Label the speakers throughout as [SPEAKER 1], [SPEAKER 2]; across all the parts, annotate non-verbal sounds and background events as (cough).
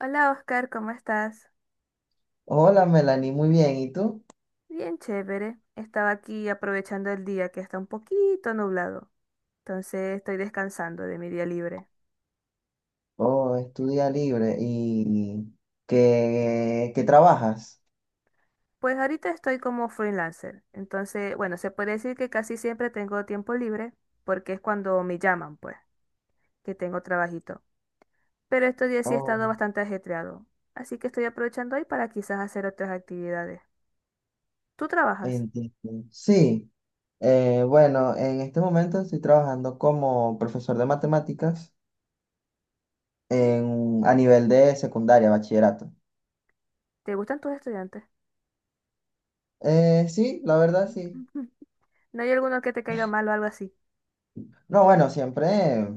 [SPEAKER 1] Hola Oscar, ¿cómo estás?
[SPEAKER 2] Hola Melanie, muy bien. ¿Y tú?
[SPEAKER 1] Bien chévere. Estaba aquí aprovechando el día que está un poquito nublado. Entonces estoy descansando de mi día libre.
[SPEAKER 2] Oh, estudia libre. ¿Y qué trabajas?
[SPEAKER 1] Pues ahorita estoy como freelancer. Entonces, bueno, se puede decir que casi siempre tengo tiempo libre porque es cuando me llaman, pues, que tengo trabajito. Pero estos días sí he
[SPEAKER 2] Oh,
[SPEAKER 1] estado bastante ajetreado. Así que estoy aprovechando hoy para quizás hacer otras actividades. ¿Tú trabajas?
[SPEAKER 2] entiendo. Sí, bueno, en este momento estoy trabajando como profesor de matemáticas
[SPEAKER 1] Mm,
[SPEAKER 2] en, a nivel de secundaria, bachillerato.
[SPEAKER 1] ¿te gustan tus estudiantes? (laughs)
[SPEAKER 2] Sí, la verdad sí.
[SPEAKER 1] ¿No hay alguno que te caiga mal o algo así?
[SPEAKER 2] No, bueno,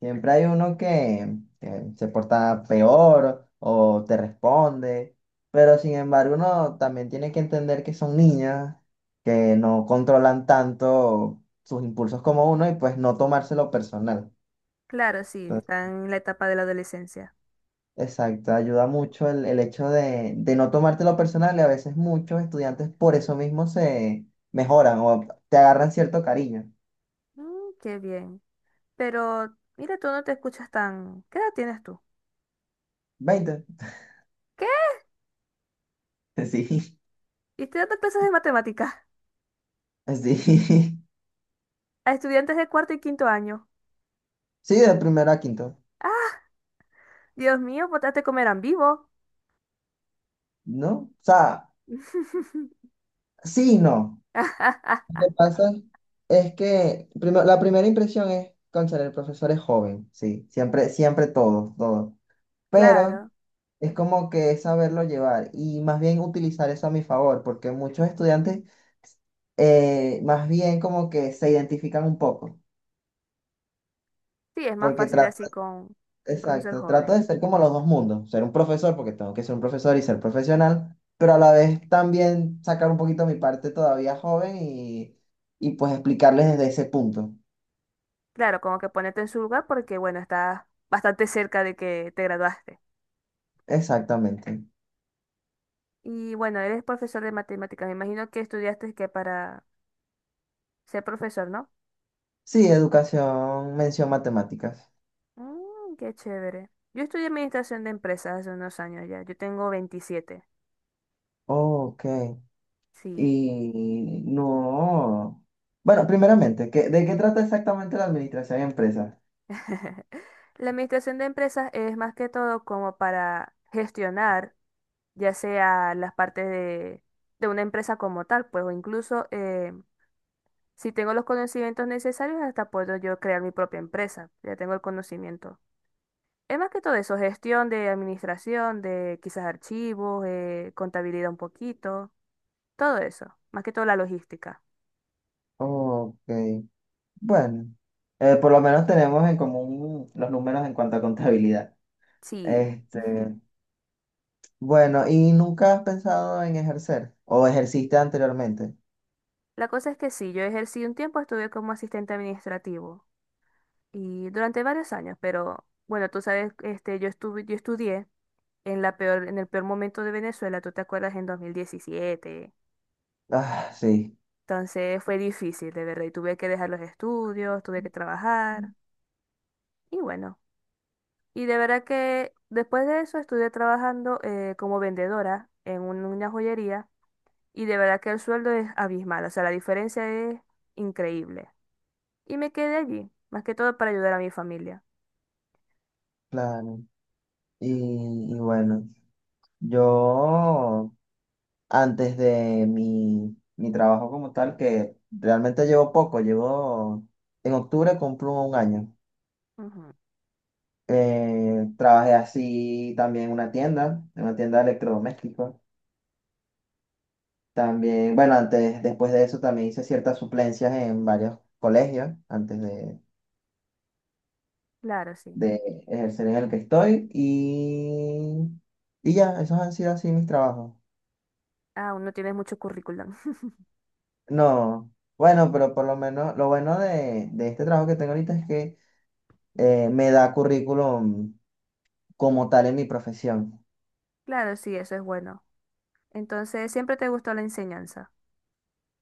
[SPEAKER 2] siempre hay uno que se porta peor o te responde, pero sin embargo uno también tiene que entender que son niñas, que no controlan tanto sus impulsos como uno y pues no tomárselo personal.
[SPEAKER 1] Claro, sí,
[SPEAKER 2] Entonces,
[SPEAKER 1] están en la etapa de la adolescencia.
[SPEAKER 2] exacto, ayuda mucho el hecho de no tomártelo personal y a veces muchos estudiantes por eso mismo se mejoran o te agarran cierto cariño.
[SPEAKER 1] Mm, qué bien. Pero mira, tú no te escuchas tan... ¿Qué edad tienes tú?
[SPEAKER 2] Veinte. (laughs)
[SPEAKER 1] ¿Qué?
[SPEAKER 2] Sí,
[SPEAKER 1] Y estoy dando clases de matemáticas (laughs)
[SPEAKER 2] sí.
[SPEAKER 1] a estudiantes de cuarto y quinto año.
[SPEAKER 2] Sí, de primero a quinto.
[SPEAKER 1] Ah, Dios mío, potaste comerán vivo.
[SPEAKER 2] ¿No? O sea,
[SPEAKER 1] (laughs)
[SPEAKER 2] sí y no. Lo que pasa es que la primera impresión es, cónchale, el profesor es joven, sí, siempre todos. Pero
[SPEAKER 1] Claro.
[SPEAKER 2] es como que es saberlo llevar y más bien utilizar eso a mi favor, porque muchos estudiantes más bien como que se identifican un poco,
[SPEAKER 1] Sí, es más
[SPEAKER 2] porque
[SPEAKER 1] fácil así
[SPEAKER 2] tratan
[SPEAKER 1] con un profesor
[SPEAKER 2] exacto, trato
[SPEAKER 1] joven.
[SPEAKER 2] de ser como los dos mundos, ser un profesor porque tengo que ser un profesor y ser profesional, pero a la vez también sacar un poquito mi parte todavía joven y pues explicarles desde ese punto.
[SPEAKER 1] Claro, como que ponerte en su lugar porque, bueno, estás bastante cerca de que te graduaste.
[SPEAKER 2] Exactamente.
[SPEAKER 1] Y bueno, eres profesor de matemáticas. Me imagino que estudiaste que para ser profesor, ¿no?
[SPEAKER 2] Sí, educación, mención matemáticas.
[SPEAKER 1] Mm, qué chévere. Yo estudié administración de empresas hace unos años ya. Yo tengo 27.
[SPEAKER 2] Ok.
[SPEAKER 1] Sí.
[SPEAKER 2] Y no. Bueno, primeramente, ¿de qué trata exactamente la administración de empresas?
[SPEAKER 1] (laughs) La administración de empresas es más que todo como para gestionar, ya sea las partes de una empresa como tal, pues, o incluso si tengo los conocimientos necesarios, hasta puedo yo crear mi propia empresa. Ya tengo el conocimiento. Es más que todo eso, gestión de administración, de quizás archivos, contabilidad un poquito, todo eso. Más que todo la logística.
[SPEAKER 2] Ok. Bueno, por lo menos tenemos en común los números en cuanto a contabilidad.
[SPEAKER 1] Sí. (laughs)
[SPEAKER 2] Este, bueno, ¿y nunca has pensado en ejercer? ¿O ejerciste anteriormente?
[SPEAKER 1] La cosa es que sí, yo ejercí un tiempo, estuve como asistente administrativo y durante varios años, pero bueno, tú sabes, este, yo estudié en la peor, en el peor momento de Venezuela, tú te acuerdas, en 2017.
[SPEAKER 2] Ah, sí,
[SPEAKER 1] Entonces fue difícil, de verdad, y tuve que dejar los estudios, tuve que trabajar y bueno. Y de verdad que después de eso estuve trabajando como vendedora en una joyería y de verdad que el sueldo es abismal, o sea, la diferencia es increíble. Y me quedé allí, más que todo para ayudar a mi familia.
[SPEAKER 2] claro. Y, y bueno, yo antes de mi trabajo como tal, que realmente llevo poco, llevo, en octubre cumplo un año.
[SPEAKER 1] Ujú,
[SPEAKER 2] Trabajé así también en una tienda de electrodomésticos. También, bueno, antes, después de eso también hice ciertas suplencias en varios colegios, antes
[SPEAKER 1] claro, sí.
[SPEAKER 2] de ejercer en el que estoy y ya, esos han sido así mis trabajos.
[SPEAKER 1] Aún no tienes mucho currículum. (laughs)
[SPEAKER 2] No, bueno, pero por lo menos lo bueno de este trabajo que tengo ahorita es que me da currículum como tal en mi profesión.
[SPEAKER 1] Claro, sí, eso es bueno. Entonces, siempre te gustó la enseñanza.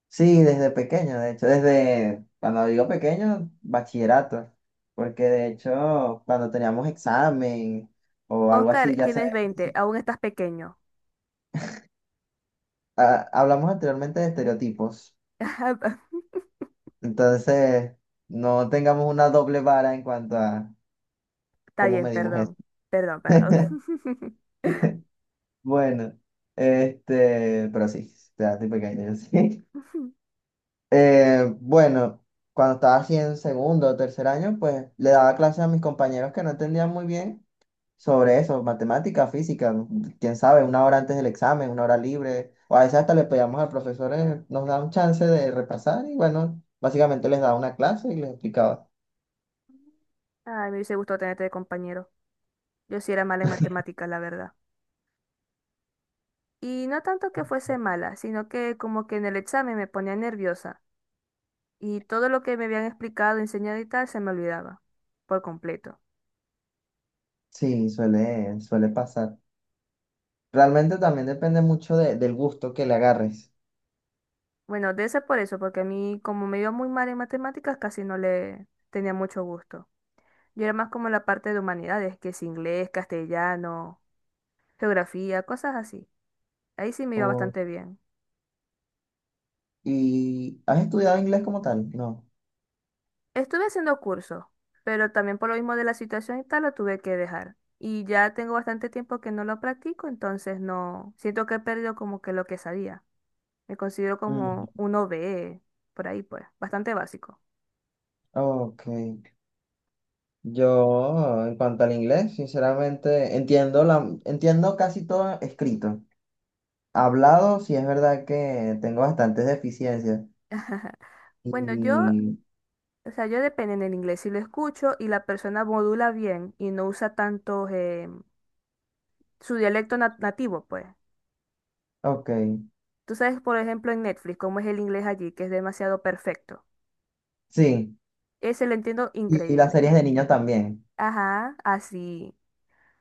[SPEAKER 2] Sí, desde pequeño, de hecho, desde, cuando digo pequeño, bachillerato, porque de hecho cuando teníamos examen o algo
[SPEAKER 1] Oscar,
[SPEAKER 2] así, ya se,
[SPEAKER 1] tienes 20, aún estás pequeño.
[SPEAKER 2] ah, hablamos anteriormente de estereotipos,
[SPEAKER 1] (laughs)
[SPEAKER 2] entonces no tengamos una doble vara en cuanto a
[SPEAKER 1] Está
[SPEAKER 2] ¿cómo
[SPEAKER 1] bien,
[SPEAKER 2] medimos esto?
[SPEAKER 1] perdón. Perdón, perdón.
[SPEAKER 2] (laughs)
[SPEAKER 1] (laughs)
[SPEAKER 2] Bueno, este, pero sí, ya estoy pequeño, yo (laughs) sí. Bueno, cuando estaba así en segundo o tercer año, pues le daba clases a mis compañeros que no entendían muy bien sobre eso, matemática, física, quién sabe, una hora antes del examen, una hora libre, o a veces hasta le pedíamos al profesor, nos da un chance de repasar y bueno, básicamente les daba una clase y les explicaba.
[SPEAKER 1] Ay, me hubiese gustado tenerte de compañero. Yo sí era mala en matemáticas, la verdad. Y no tanto que fuese mala, sino que como que en el examen me ponía nerviosa y todo lo que me habían explicado, enseñado y tal se me olvidaba por completo.
[SPEAKER 2] Sí, suele pasar. Realmente también depende mucho del gusto que le agarres.
[SPEAKER 1] Bueno, de ese por eso, porque a mí como me iba muy mal en matemáticas casi no le tenía mucho gusto. Yo era más como la parte de humanidades, que es inglés, castellano, geografía, cosas así. Ahí sí me iba bastante bien.
[SPEAKER 2] ¿Y has estudiado inglés como tal? No.
[SPEAKER 1] Estuve haciendo cursos, pero también por lo mismo de la situación y tal lo tuve que dejar. Y ya tengo bastante tiempo que no lo practico, entonces no siento que he perdido como que lo que sabía. Me considero como
[SPEAKER 2] Mm,
[SPEAKER 1] un OBE, por ahí pues, bastante básico.
[SPEAKER 2] ok. Yo, en cuanto al inglés, sinceramente entiendo entiendo casi todo escrito. Hablado, sí es verdad que tengo bastantes deficiencias.
[SPEAKER 1] (laughs) Bueno, yo,
[SPEAKER 2] Y,
[SPEAKER 1] o sea, yo depende en el inglés. Si lo escucho y la persona modula bien y no usa tanto su dialecto nativo, pues.
[SPEAKER 2] ok,
[SPEAKER 1] Tú sabes, por ejemplo, en Netflix, cómo es el inglés allí, que es demasiado perfecto.
[SPEAKER 2] sí.
[SPEAKER 1] Ese lo entiendo
[SPEAKER 2] Y las
[SPEAKER 1] increíble.
[SPEAKER 2] series de niños también.
[SPEAKER 1] Ajá, así.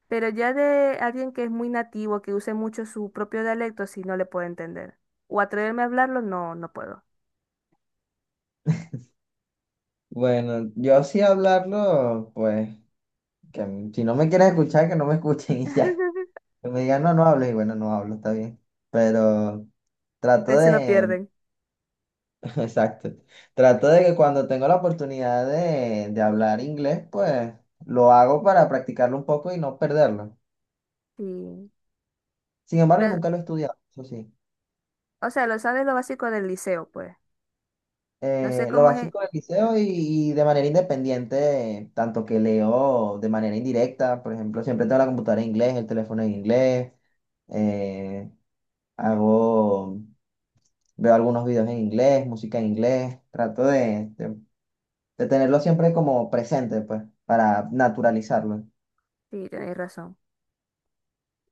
[SPEAKER 1] Pero ya de alguien que es muy nativo, que use mucho su propio dialecto, sí no le puedo entender. O atreverme a hablarlo, no, no puedo.
[SPEAKER 2] Bueno, yo sí hablarlo, pues, que si no me quieren escuchar, que no me (laughs) escuchen y ya.
[SPEAKER 1] (laughs)
[SPEAKER 2] Que me digan, no, no hables, y bueno, no hablo, está bien. Pero trato
[SPEAKER 1] Pues se lo
[SPEAKER 2] de,
[SPEAKER 1] pierden.
[SPEAKER 2] (laughs) exacto. Trato de que cuando tengo la oportunidad de hablar inglés, pues lo hago para practicarlo un poco y no perderlo.
[SPEAKER 1] Sí.
[SPEAKER 2] Sin embargo,
[SPEAKER 1] Pero,
[SPEAKER 2] nunca lo he estudiado, eso sí.
[SPEAKER 1] o sea, lo sabes lo básico del liceo, pues. No sé
[SPEAKER 2] Lo
[SPEAKER 1] cómo es.
[SPEAKER 2] básico del liceo y de manera independiente, tanto que leo de manera indirecta, por ejemplo, siempre tengo la computadora en inglés, el teléfono en inglés, eh, hago, veo algunos videos en inglés, música en inglés, trato de tenerlo siempre como presente, pues, para naturalizarlo.
[SPEAKER 1] Sí, tenéis razón.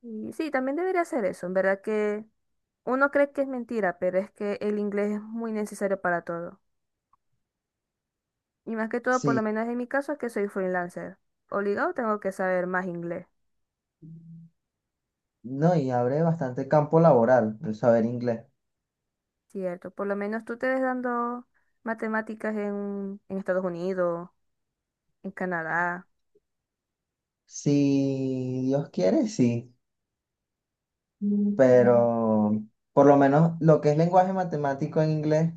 [SPEAKER 1] Y sí, también debería hacer eso. En verdad que uno cree que es mentira, pero es que el inglés es muy necesario para todo. Y más que todo, por lo
[SPEAKER 2] Sí,
[SPEAKER 1] menos en mi caso, que soy freelancer. Obligado tengo que saber más inglés.
[SPEAKER 2] no, y abre bastante campo laboral el saber inglés.
[SPEAKER 1] Cierto, por lo menos tú te ves dando matemáticas en Estados Unidos, en Canadá.
[SPEAKER 2] Si Dios quiere, sí, pero por lo menos lo que es lenguaje matemático en inglés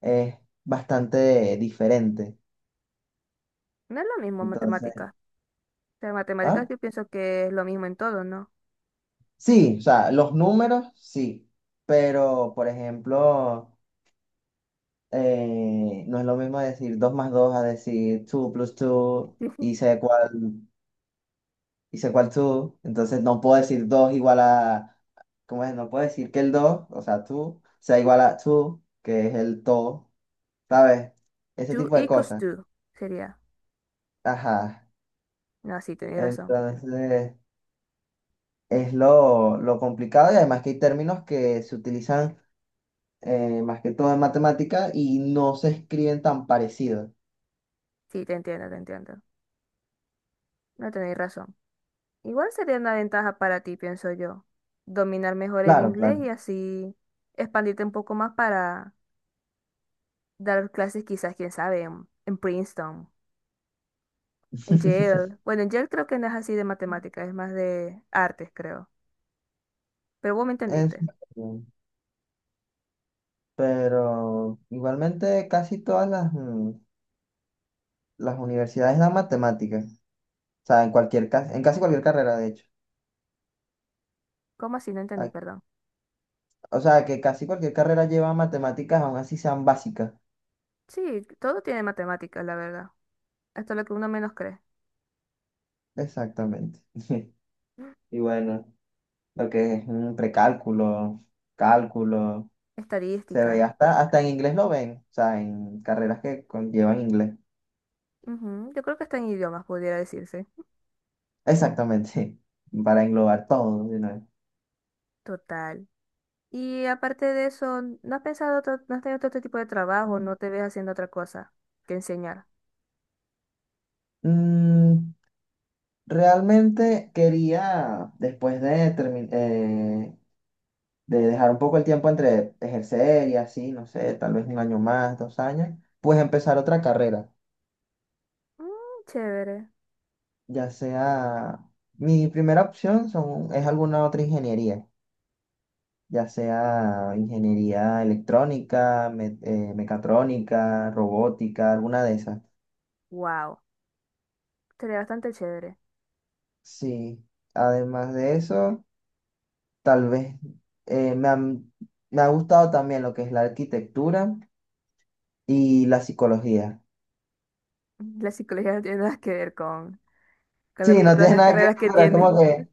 [SPEAKER 2] es bastante diferente.
[SPEAKER 1] No es lo mismo
[SPEAKER 2] Entonces,
[SPEAKER 1] matemáticas. O sea, matemáticas
[SPEAKER 2] ¿ah?
[SPEAKER 1] yo pienso que es lo mismo en todo, ¿no?
[SPEAKER 2] Sí, o sea, los números, sí, pero por ejemplo, no es lo mismo decir 2 más 2 a decir 2 plus 2
[SPEAKER 1] (laughs)
[SPEAKER 2] y sé cuál y sé cuál tú, entonces no puedo decir 2 igual a, ¿cómo es? No puedo decir que el 2 o sea, tú, sea igual a tú, que es el to, ¿sabes? Ese
[SPEAKER 1] Two
[SPEAKER 2] tipo de
[SPEAKER 1] equals
[SPEAKER 2] cosas.
[SPEAKER 1] two sería.
[SPEAKER 2] Ajá.
[SPEAKER 1] No, sí, tenéis razón.
[SPEAKER 2] Entonces, es lo complicado y además que hay términos que se utilizan más que todo en matemática y no se escriben tan parecidos.
[SPEAKER 1] Sí, te entiendo, te entiendo. No tenéis razón. Igual sería una ventaja para ti, pienso yo. Dominar mejor el
[SPEAKER 2] Claro,
[SPEAKER 1] inglés
[SPEAKER 2] claro.
[SPEAKER 1] y así expandirte un poco más para dar clases quizás, quién sabe, en Princeton. En
[SPEAKER 2] (laughs)
[SPEAKER 1] Yale. Bueno, en Yale creo que no es así de matemáticas, es más de artes, creo. Pero vos me
[SPEAKER 2] Es-
[SPEAKER 1] entendiste.
[SPEAKER 2] pero igualmente casi todas las, mm, las universidades dan matemáticas. O sea, en en casi cualquier carrera, de hecho.
[SPEAKER 1] ¿Cómo así? No entendí,
[SPEAKER 2] A-
[SPEAKER 1] perdón.
[SPEAKER 2] O sea, que casi cualquier carrera lleva matemáticas, aun así sean básicas.
[SPEAKER 1] Sí, todo tiene matemáticas, la verdad. Hasta lo que uno menos cree.
[SPEAKER 2] Exactamente. (laughs) Y bueno, lo que es un precálculo, cálculo, se ve
[SPEAKER 1] Estadística.
[SPEAKER 2] hasta en inglés lo ven. O sea, en carreras que conllevan inglés.
[SPEAKER 1] Ujú, yo creo que está en idiomas, pudiera decirse.
[SPEAKER 2] Exactamente. (laughs) Para englobar todo de una vez.
[SPEAKER 1] Total. Y aparte de eso, ¿ no has tenido otro tipo de trabajo? ¿No te ves haciendo otra cosa que enseñar?
[SPEAKER 2] Mm, realmente quería, después de terminar, de dejar un poco el tiempo entre ejercer y así, no sé, tal vez un año más, dos años, pues empezar otra carrera,
[SPEAKER 1] Mm, chévere.
[SPEAKER 2] ya sea, mi primera opción es alguna otra ingeniería, ya sea ingeniería electrónica, mecatrónica, robótica, alguna de esas.
[SPEAKER 1] Wow. Sería bastante chévere.
[SPEAKER 2] Sí, además de eso, tal vez eh, me han- me ha gustado también lo que es la arquitectura y la psicología.
[SPEAKER 1] La psicología no tiene nada que ver con, con
[SPEAKER 2] Sí, no
[SPEAKER 1] todas
[SPEAKER 2] tiene
[SPEAKER 1] las
[SPEAKER 2] nada que ver,
[SPEAKER 1] carreras que
[SPEAKER 2] pero es
[SPEAKER 1] tiene.
[SPEAKER 2] como
[SPEAKER 1] (laughs)
[SPEAKER 2] que...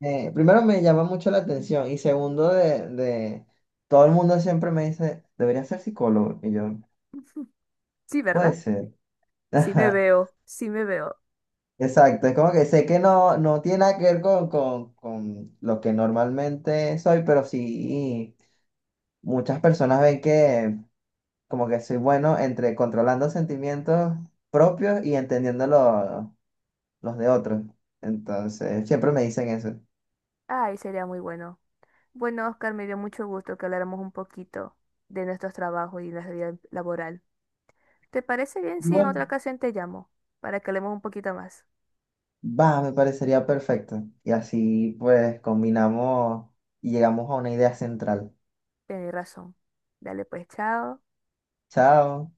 [SPEAKER 2] Primero me llama mucho la atención y segundo de todo el mundo siempre me dice, debería ser psicólogo. Y yo,
[SPEAKER 1] Sí,
[SPEAKER 2] puede
[SPEAKER 1] ¿verdad?
[SPEAKER 2] ser. (laughs)
[SPEAKER 1] Sí me
[SPEAKER 2] Ajá,
[SPEAKER 1] veo, sí me veo.
[SPEAKER 2] exacto, es como que sé que no, no tiene nada que ver con lo que normalmente soy, pero sí muchas personas ven que como que soy bueno entre controlando sentimientos propios y entendiendo los de otros. Entonces, siempre me dicen eso.
[SPEAKER 1] Ay, sería muy bueno. Bueno, Oscar, me dio mucho gusto que habláramos un poquito de nuestros trabajos y nuestra vida laboral. ¿Te parece bien si en
[SPEAKER 2] Igual.
[SPEAKER 1] otra ocasión te llamo para que hablemos un poquito más?
[SPEAKER 2] Va, me parecería perfecto. Y así pues combinamos y llegamos a una idea central.
[SPEAKER 1] Tienes razón. Dale pues, chao.
[SPEAKER 2] Chao.